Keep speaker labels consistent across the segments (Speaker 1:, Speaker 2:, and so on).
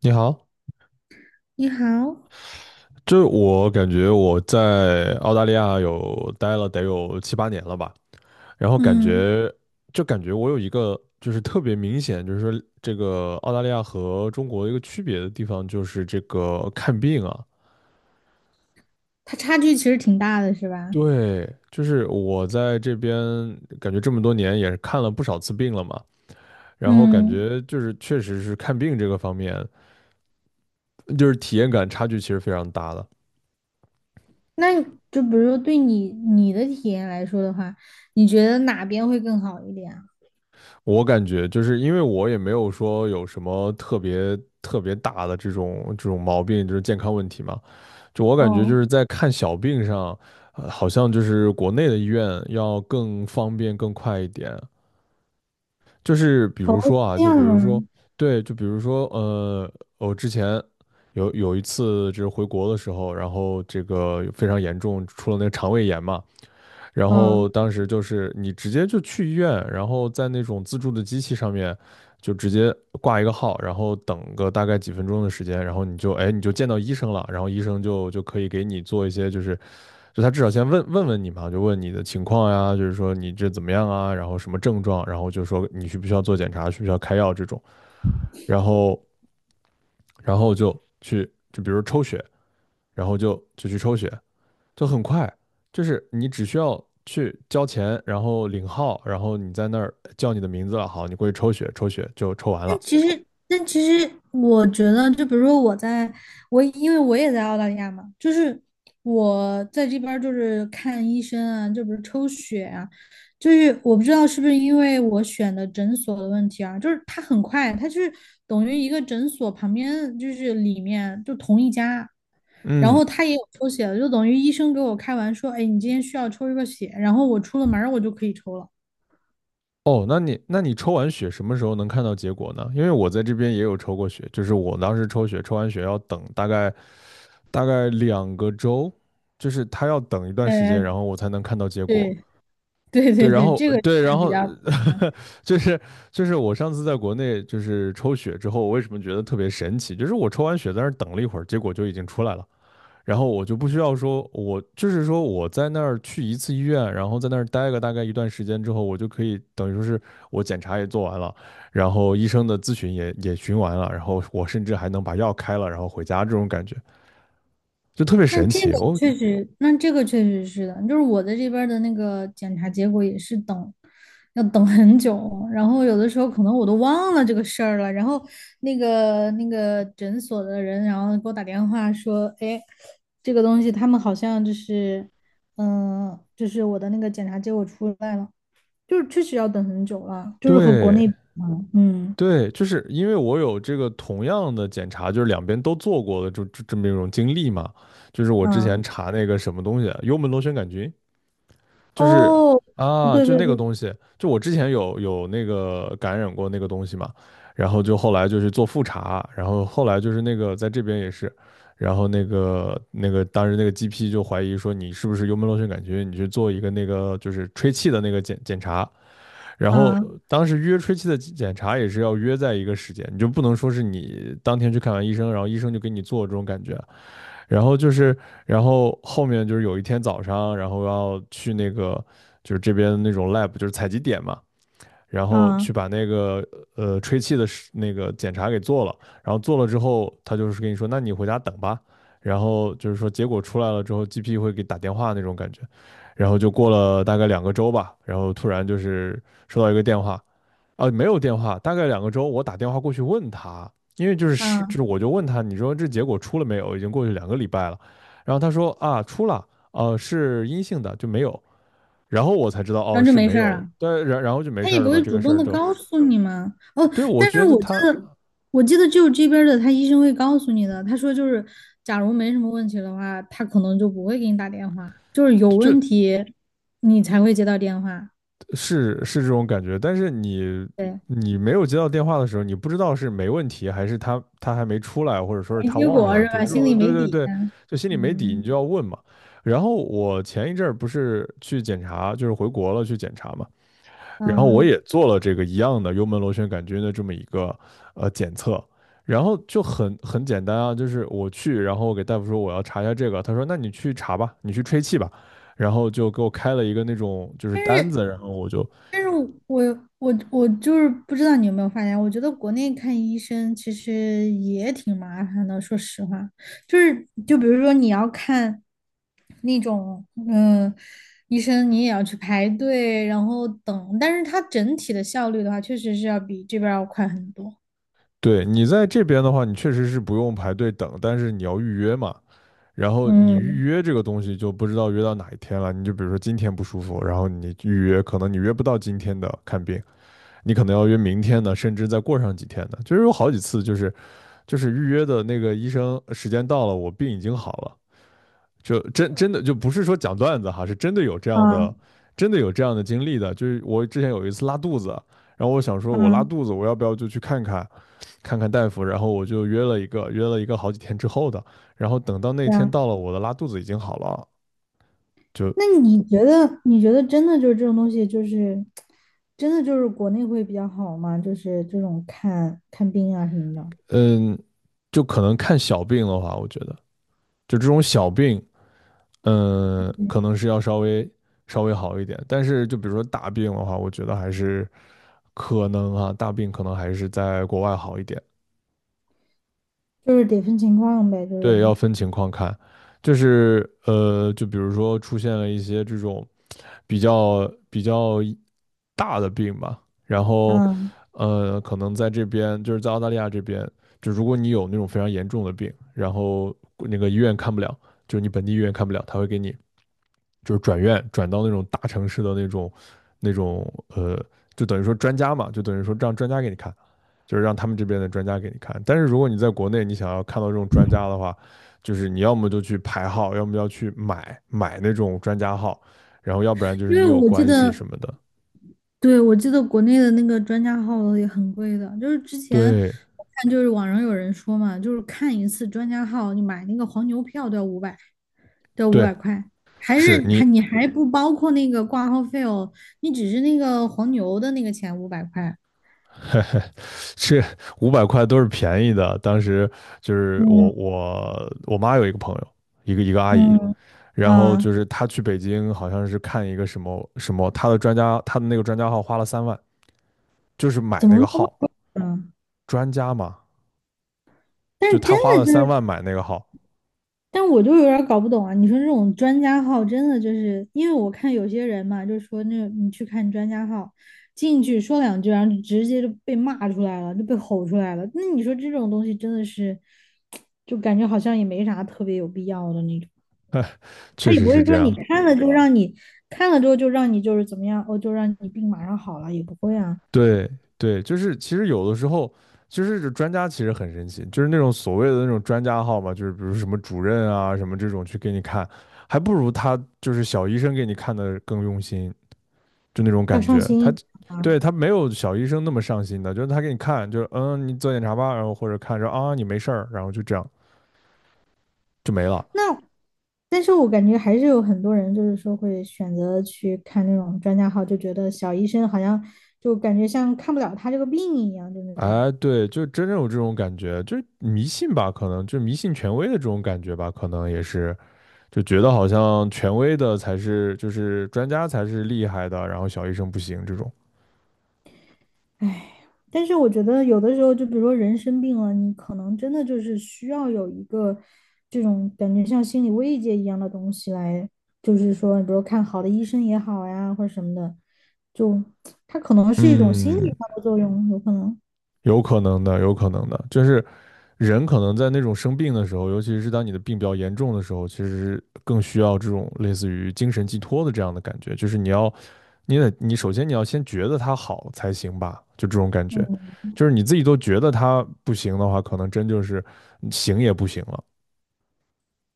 Speaker 1: 你好，
Speaker 2: 你好，
Speaker 1: 就我感觉我在澳大利亚有待了得有7、8年了吧，然后感
Speaker 2: 嗯，
Speaker 1: 觉我有一个就是特别明显，就是说这个澳大利亚和中国一个区别的地方就是这个看病啊，
Speaker 2: 它差距其实挺大的，是吧？
Speaker 1: 对，就是我在这边感觉这么多年也是看了不少次病了嘛，然后感
Speaker 2: 嗯，
Speaker 1: 觉就是确实是看病这个方面，就是体验感差距其实非常大的。
Speaker 2: 那你就比如说对你的体验来说的话，你觉得哪边会更好一点啊？
Speaker 1: 我感觉就是因为我也没有说有什么特别特别大的这种毛病，就是健康问题嘛。就我感觉就
Speaker 2: 哦，
Speaker 1: 是在看小病上，好像就是国内的医院要更方便更快一点。就是比
Speaker 2: 哦，
Speaker 1: 如说
Speaker 2: 是
Speaker 1: 啊，
Speaker 2: 这
Speaker 1: 就比如说，
Speaker 2: 样
Speaker 1: 对，就比如说，我之前有一次就是回国的时候，然后这个非常严重，出了那个肠胃炎嘛。然
Speaker 2: 啊，
Speaker 1: 后当时就是你直接就去医院，然后在那种自助的机器上面就直接挂一个号，然后等个大概几分钟的时间，然后你就哎你就见到医生了，然后医生就可以给你做一些就是就他至少先问你嘛，就问你的情况呀，就是说你这怎么样啊，然后什么症状，然后就说你需不需要做检查，需不需要开药这种，然后然后就去就比如抽血，然后就去抽血，就很快，就是你只需要去交钱，然后领号，然后你在那儿叫你的名字了，好，你过去抽血，抽血就抽完
Speaker 2: 但
Speaker 1: 了。
Speaker 2: 其实，但其实，我觉得，就比如说我在，我因为我也在澳大利亚嘛，就是我在这边儿就是看医生啊，就比如抽血啊，就是我不知道是不是因为我选的诊所的问题啊，就是它很快，它就是等于一个诊所旁边就是里面就同一家，然
Speaker 1: 嗯，
Speaker 2: 后他也有抽血的，就等于医生给我开完说，哎，你今天需要抽一个血，然后我出了门儿我就可以抽了。
Speaker 1: 哦，那你那你抽完血什么时候能看到结果呢？因为我在这边也有抽过血，就是我当时抽血，抽完血要等大概两个周，就是他要等一段时间，
Speaker 2: 呃，
Speaker 1: 然后我才能看到结果。
Speaker 2: 对对
Speaker 1: 对，
Speaker 2: 对
Speaker 1: 然
Speaker 2: 对，
Speaker 1: 后
Speaker 2: 这个
Speaker 1: 对，然
Speaker 2: 是比
Speaker 1: 后
Speaker 2: 较。
Speaker 1: 就是就是我上次在国内就是抽血之后，我为什么觉得特别神奇？就是我抽完血在那儿等了一会儿，结果就已经出来了，然后我就不需要说，我就是说我在那儿去一次医院，然后在那儿待个大概一段时间之后，我就可以等于说是我检查也做完了，然后医生的咨询也也询完了，然后我甚至还能把药开了，然后回家这种感觉就特别
Speaker 2: 那
Speaker 1: 神
Speaker 2: 这个
Speaker 1: 奇哦。
Speaker 2: 那这个确实是的，就是我的这边儿的那个检查结果也是等，要等很久，然后有的时候可能我都忘了这个事儿了，然后那个诊所的人，然后给我打电话说，哎，这个东西他们好像就是，就是我的那个检查结果出来了，就是确实要等很久了，就是和国
Speaker 1: 对，
Speaker 2: 内比嘛，嗯
Speaker 1: 对，就是因为我有这个同样的检查，就是两边都做过的这么一种经历嘛。就是我之
Speaker 2: 嗯，啊
Speaker 1: 前查那个什么东西，幽门螺旋杆菌，就是
Speaker 2: 哦，
Speaker 1: 啊，
Speaker 2: 对
Speaker 1: 就
Speaker 2: 对
Speaker 1: 那个
Speaker 2: 对，
Speaker 1: 东西，就我之前有那个感染过那个东西嘛，然后就后来就是做复查，然后后来就是那个在这边也是，然后当时那个 GP 就怀疑说你是不是幽门螺旋杆菌，你去做一个那个就是吹气的那个检查。然后
Speaker 2: 啊
Speaker 1: 当时约吹气的检查也是要约在一个时间，你就不能说是你当天去看完医生，然后医生就给你做这种感觉。然后就是，然后后面就是有一天早上，然后要去那个就是这边那种 lab，就是采集点嘛，然后
Speaker 2: 啊
Speaker 1: 去把那个吹气的那个检查给做了，然后做了之后，他就是跟你说，那你回家等吧。然后就是说结果出来了之后，GP 会给打电话那种感觉。然后就过了大概两个周吧，然后突然就是收到一个电话，啊，没有电话，大概两个周，我打电话过去问他，因为就是是就
Speaker 2: 啊，
Speaker 1: 是我就问他，你说这结果出了没有？已经过去2个礼拜了。然后他说啊，出了，是阴性的，就没有。然后我才知道
Speaker 2: 然
Speaker 1: 哦
Speaker 2: 后就
Speaker 1: 是
Speaker 2: 没
Speaker 1: 没
Speaker 2: 事儿
Speaker 1: 有，
Speaker 2: 了。
Speaker 1: 但然后就没
Speaker 2: 他
Speaker 1: 事
Speaker 2: 也
Speaker 1: 儿
Speaker 2: 不
Speaker 1: 了嘛，
Speaker 2: 会
Speaker 1: 这
Speaker 2: 主
Speaker 1: 个事
Speaker 2: 动
Speaker 1: 儿
Speaker 2: 的
Speaker 1: 就
Speaker 2: 告诉你吗？哦，
Speaker 1: 对我
Speaker 2: 但是
Speaker 1: 觉得他
Speaker 2: 我记得只有这边儿的他医生会告诉你的。他说就是，假如没什么问题的话，他可能就不会给你打电话，就是有
Speaker 1: 就
Speaker 2: 问题你才会接到电话，
Speaker 1: 是是这种感觉，但是你没有接到电话的时候，你不知道是没问题还是他还没出来，或者说是
Speaker 2: 没
Speaker 1: 他
Speaker 2: 结
Speaker 1: 忘
Speaker 2: 果
Speaker 1: 了，
Speaker 2: 是
Speaker 1: 就
Speaker 2: 吧？
Speaker 1: 这
Speaker 2: 心里
Speaker 1: 种对
Speaker 2: 没
Speaker 1: 对
Speaker 2: 底
Speaker 1: 对，
Speaker 2: 啊。
Speaker 1: 就心里没底，你就
Speaker 2: 嗯
Speaker 1: 要问嘛。然后我前一阵儿不是去检查，就是回国了去检查嘛，然后我
Speaker 2: 嗯，
Speaker 1: 也做了这个一样的幽门螺旋杆菌的这么一个检测，然后就很简单啊，就是我去，然后我给大夫说我要查一下这个，他说那你去查吧，你去吹气吧，然后就给我开了一个那种就是单子，然后我就
Speaker 2: 但是我就是不知道你有没有发现，我觉得国内看医生其实也挺麻烦的。说实话，就是就比如说你要看那种医生，你也要去排队，然后等。但是它整体的效率的话，确实是要比这边儿要快很多。
Speaker 1: 对你在这边的话，你确实是不用排队等，但是你要预约嘛，然后你预
Speaker 2: 嗯，
Speaker 1: 约这个东西就不知道约到哪一天了，你就比如说今天不舒服，然后你预约，可能你约不到今天的看病，你可能要约明天的，甚至再过上几天的，就是有好几次就是。就是预约的那个医生时间到了，我病已经好了，就真真的就不是说讲段子哈，是真的有这样
Speaker 2: 啊
Speaker 1: 的，真的有这样的经历的。就是我之前有一次拉肚子，然后我想说我拉
Speaker 2: 啊，
Speaker 1: 肚子，我要不要就去看看大夫？然后我就约了一个好几天之后的，然后等到那
Speaker 2: 对
Speaker 1: 天
Speaker 2: 啊。
Speaker 1: 到了，我的拉肚子已经好了，就
Speaker 2: 那你觉得真的就是这种东西，就是真的就是国内会比较好吗？就是这种看看病啊什么的。
Speaker 1: 嗯，就可能看小病的话，我觉得就这种小病，嗯，
Speaker 2: 嗯，
Speaker 1: 可能是要稍微稍微好一点，但是就比如说大病的话，我觉得还是。可能啊，大病可能还是在国外好一点。
Speaker 2: 就是得分情况呗，就
Speaker 1: 对，
Speaker 2: 是，
Speaker 1: 要分情况看，就是就比如说出现了一些这种比较比较大的病吧，然后
Speaker 2: 嗯，
Speaker 1: 可能在这边就是在澳大利亚这边，就如果你有那种非常严重的病，然后那个医院看不了，就是你本地医院看不了，他会给你就是转院转到那种大城市的那种那种呃，就等于说专家嘛，就等于说让专家给你看，就是让他们这边的专家给你看。但是如果你在国内，你想要看到这种专家的话，就是你要么就去排号，要么要去买那种专家号，然后要不然就是
Speaker 2: 因
Speaker 1: 你
Speaker 2: 为
Speaker 1: 有
Speaker 2: 我记嗯
Speaker 1: 关系什
Speaker 2: 得，
Speaker 1: 么的。
Speaker 2: 对，我记得国内的那个专家号也很贵的，就是之前
Speaker 1: 对
Speaker 2: 我看就是网上有人说嘛，就是看一次专家号，你买那个黄牛票都要五百，都要五
Speaker 1: 对，
Speaker 2: 百块，还是
Speaker 1: 是你
Speaker 2: 还你还不包括那个挂号费哦，你只是那个黄牛的那个钱五百块。
Speaker 1: 这500块都是便宜的。当时就是
Speaker 2: 嗯
Speaker 1: 我妈有一个朋友，一个阿姨，
Speaker 2: 嗯
Speaker 1: 然后
Speaker 2: 啊，
Speaker 1: 就是他去北京，好像是看一个什么什么，他的专家，他的那个专家号花了三万，就是买
Speaker 2: 怎么
Speaker 1: 那
Speaker 2: 会
Speaker 1: 个
Speaker 2: 这么
Speaker 1: 号，
Speaker 2: 贵呢？
Speaker 1: 专家嘛，
Speaker 2: 但是
Speaker 1: 就
Speaker 2: 是。
Speaker 1: 他
Speaker 2: 真
Speaker 1: 花了
Speaker 2: 的就
Speaker 1: 三万买那个号，
Speaker 2: 但我就有点儿搞不懂啊！你说这种专家号，真的就是因为我看有些人嘛，就说那你去看专家号，进去说两句，然后就直接就被骂出来了，就被吼出来了。那你说这种东西真的是，就感觉好像也没啥特别有必要的那种。
Speaker 1: 哎，
Speaker 2: 他
Speaker 1: 确
Speaker 2: 也
Speaker 1: 实
Speaker 2: 不
Speaker 1: 是
Speaker 2: 会
Speaker 1: 这
Speaker 2: 说你
Speaker 1: 样。
Speaker 2: 看了就让你看了之后就让你就是怎么样，哦，就让你病马上好了，也不会啊，
Speaker 1: 对对，就是其实有的时候，就是这专家其实很神奇，就是那种所谓的那种专家号嘛，就是比如什么主任啊什么这种去给你看，还不如他就是小医生给你看的更用心，就那种
Speaker 2: 要
Speaker 1: 感
Speaker 2: 上
Speaker 1: 觉。
Speaker 2: 心一
Speaker 1: 他
Speaker 2: 点啊。
Speaker 1: 对他没有小医生那么上心的，就是他给你看，就是嗯，你做检查吧，然后或者看着啊你没事儿，然后就这样就没了。
Speaker 2: 那但是我感觉还是有很多人，就是说会选择去看那种专家号，就觉得小医生好像就感觉像看不了他这个病一样，就是那种，
Speaker 1: 哎，对，就真正有这种感觉，就是迷信吧，可能就是迷信权威的这种感觉吧，可能也是就觉得好像权威的才是，就是专家才是厉害的，然后小医生不行这种。
Speaker 2: 唉。但是我觉得有的时候，就比如说人生病了，你可能真的就是需要有一个这种感觉像心理慰藉一样的东西来，就是说，比如看好的医生也好呀，或者什么的，就他可能是一种心理
Speaker 1: 嗯，
Speaker 2: 上的作用，有可能，
Speaker 1: 有可能的，有可能的，就是人可能在那种生病的时候，尤其是当你的病比较严重的时候，其实更需要这种类似于精神寄托的这样的感觉，就是你要，你得，你首先你要先觉得他好才行吧，就这种感觉，
Speaker 2: 嗯。
Speaker 1: 就是你自己都觉得他不行的话，可能真就是行也不行了。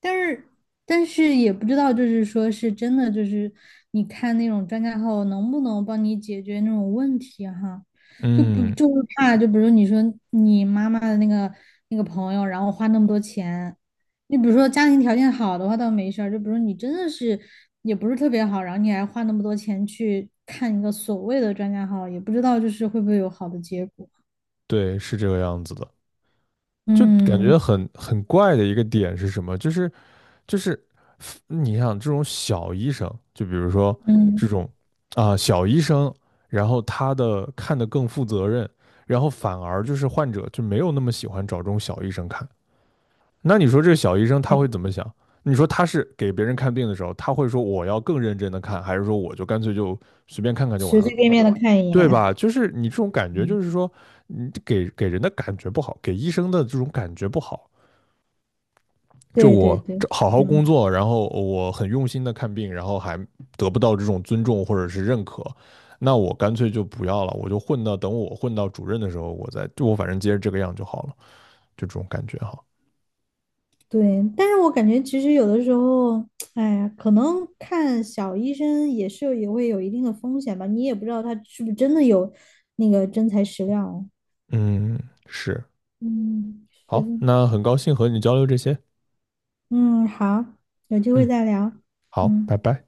Speaker 2: 但是但是也不知道，就是说是真的，就是你看那种专家号能不能帮你解决那种问题哈，就不
Speaker 1: 嗯，
Speaker 2: 就是怕，就比如你说你妈妈的那个朋友，然后花那么多钱，你比如说家庭条件好的话倒没事儿，就比如你真的是也不是特别好，然后你还花那么多钱去看一个所谓的专家号，也不知道就是会不会有好的结果。
Speaker 1: 对，是这个样子的。就感
Speaker 2: 嗯
Speaker 1: 觉很怪的一个点是什么？就是你想这种小医生，就比如说这
Speaker 2: 嗯，
Speaker 1: 种啊、小医生，然后他的看得更负责任，然后反而就是患者就没有那么喜欢找这种小医生看。那你说这个小医生他
Speaker 2: 对，
Speaker 1: 会怎么想？你说他是给别人看病的时候，他会说我要更认真的看，还是说我就干脆就随便看看就完
Speaker 2: 随
Speaker 1: 了，
Speaker 2: 随便便的看一
Speaker 1: 对
Speaker 2: 眼。
Speaker 1: 吧？就是你这种感觉，就是
Speaker 2: 嗯，
Speaker 1: 说你给人的感觉不好，给医生的这种感觉不好，就
Speaker 2: 对对
Speaker 1: 我
Speaker 2: 对，
Speaker 1: 这
Speaker 2: 是
Speaker 1: 好好
Speaker 2: 这
Speaker 1: 工
Speaker 2: 样。
Speaker 1: 作，然后我很用心的看病，然后还得不到这种尊重或者是认可，那我干脆就不要了，我就混到等我混到主任的时候，我再就我反正接着这个样就好了，就这种感觉哈。
Speaker 2: 对，但是我感觉其实有的时候，哎呀，可能看小医生也是也会有一定的风险吧，你也不知道他是不是真的有那个真材实料。
Speaker 1: 嗯，是，
Speaker 2: 嗯，是
Speaker 1: 好，
Speaker 2: 的，
Speaker 1: 那很高兴和你交流这些，
Speaker 2: 嗯，好，有机会
Speaker 1: 嗯，
Speaker 2: 再聊。
Speaker 1: 好，拜
Speaker 2: 嗯。
Speaker 1: 拜。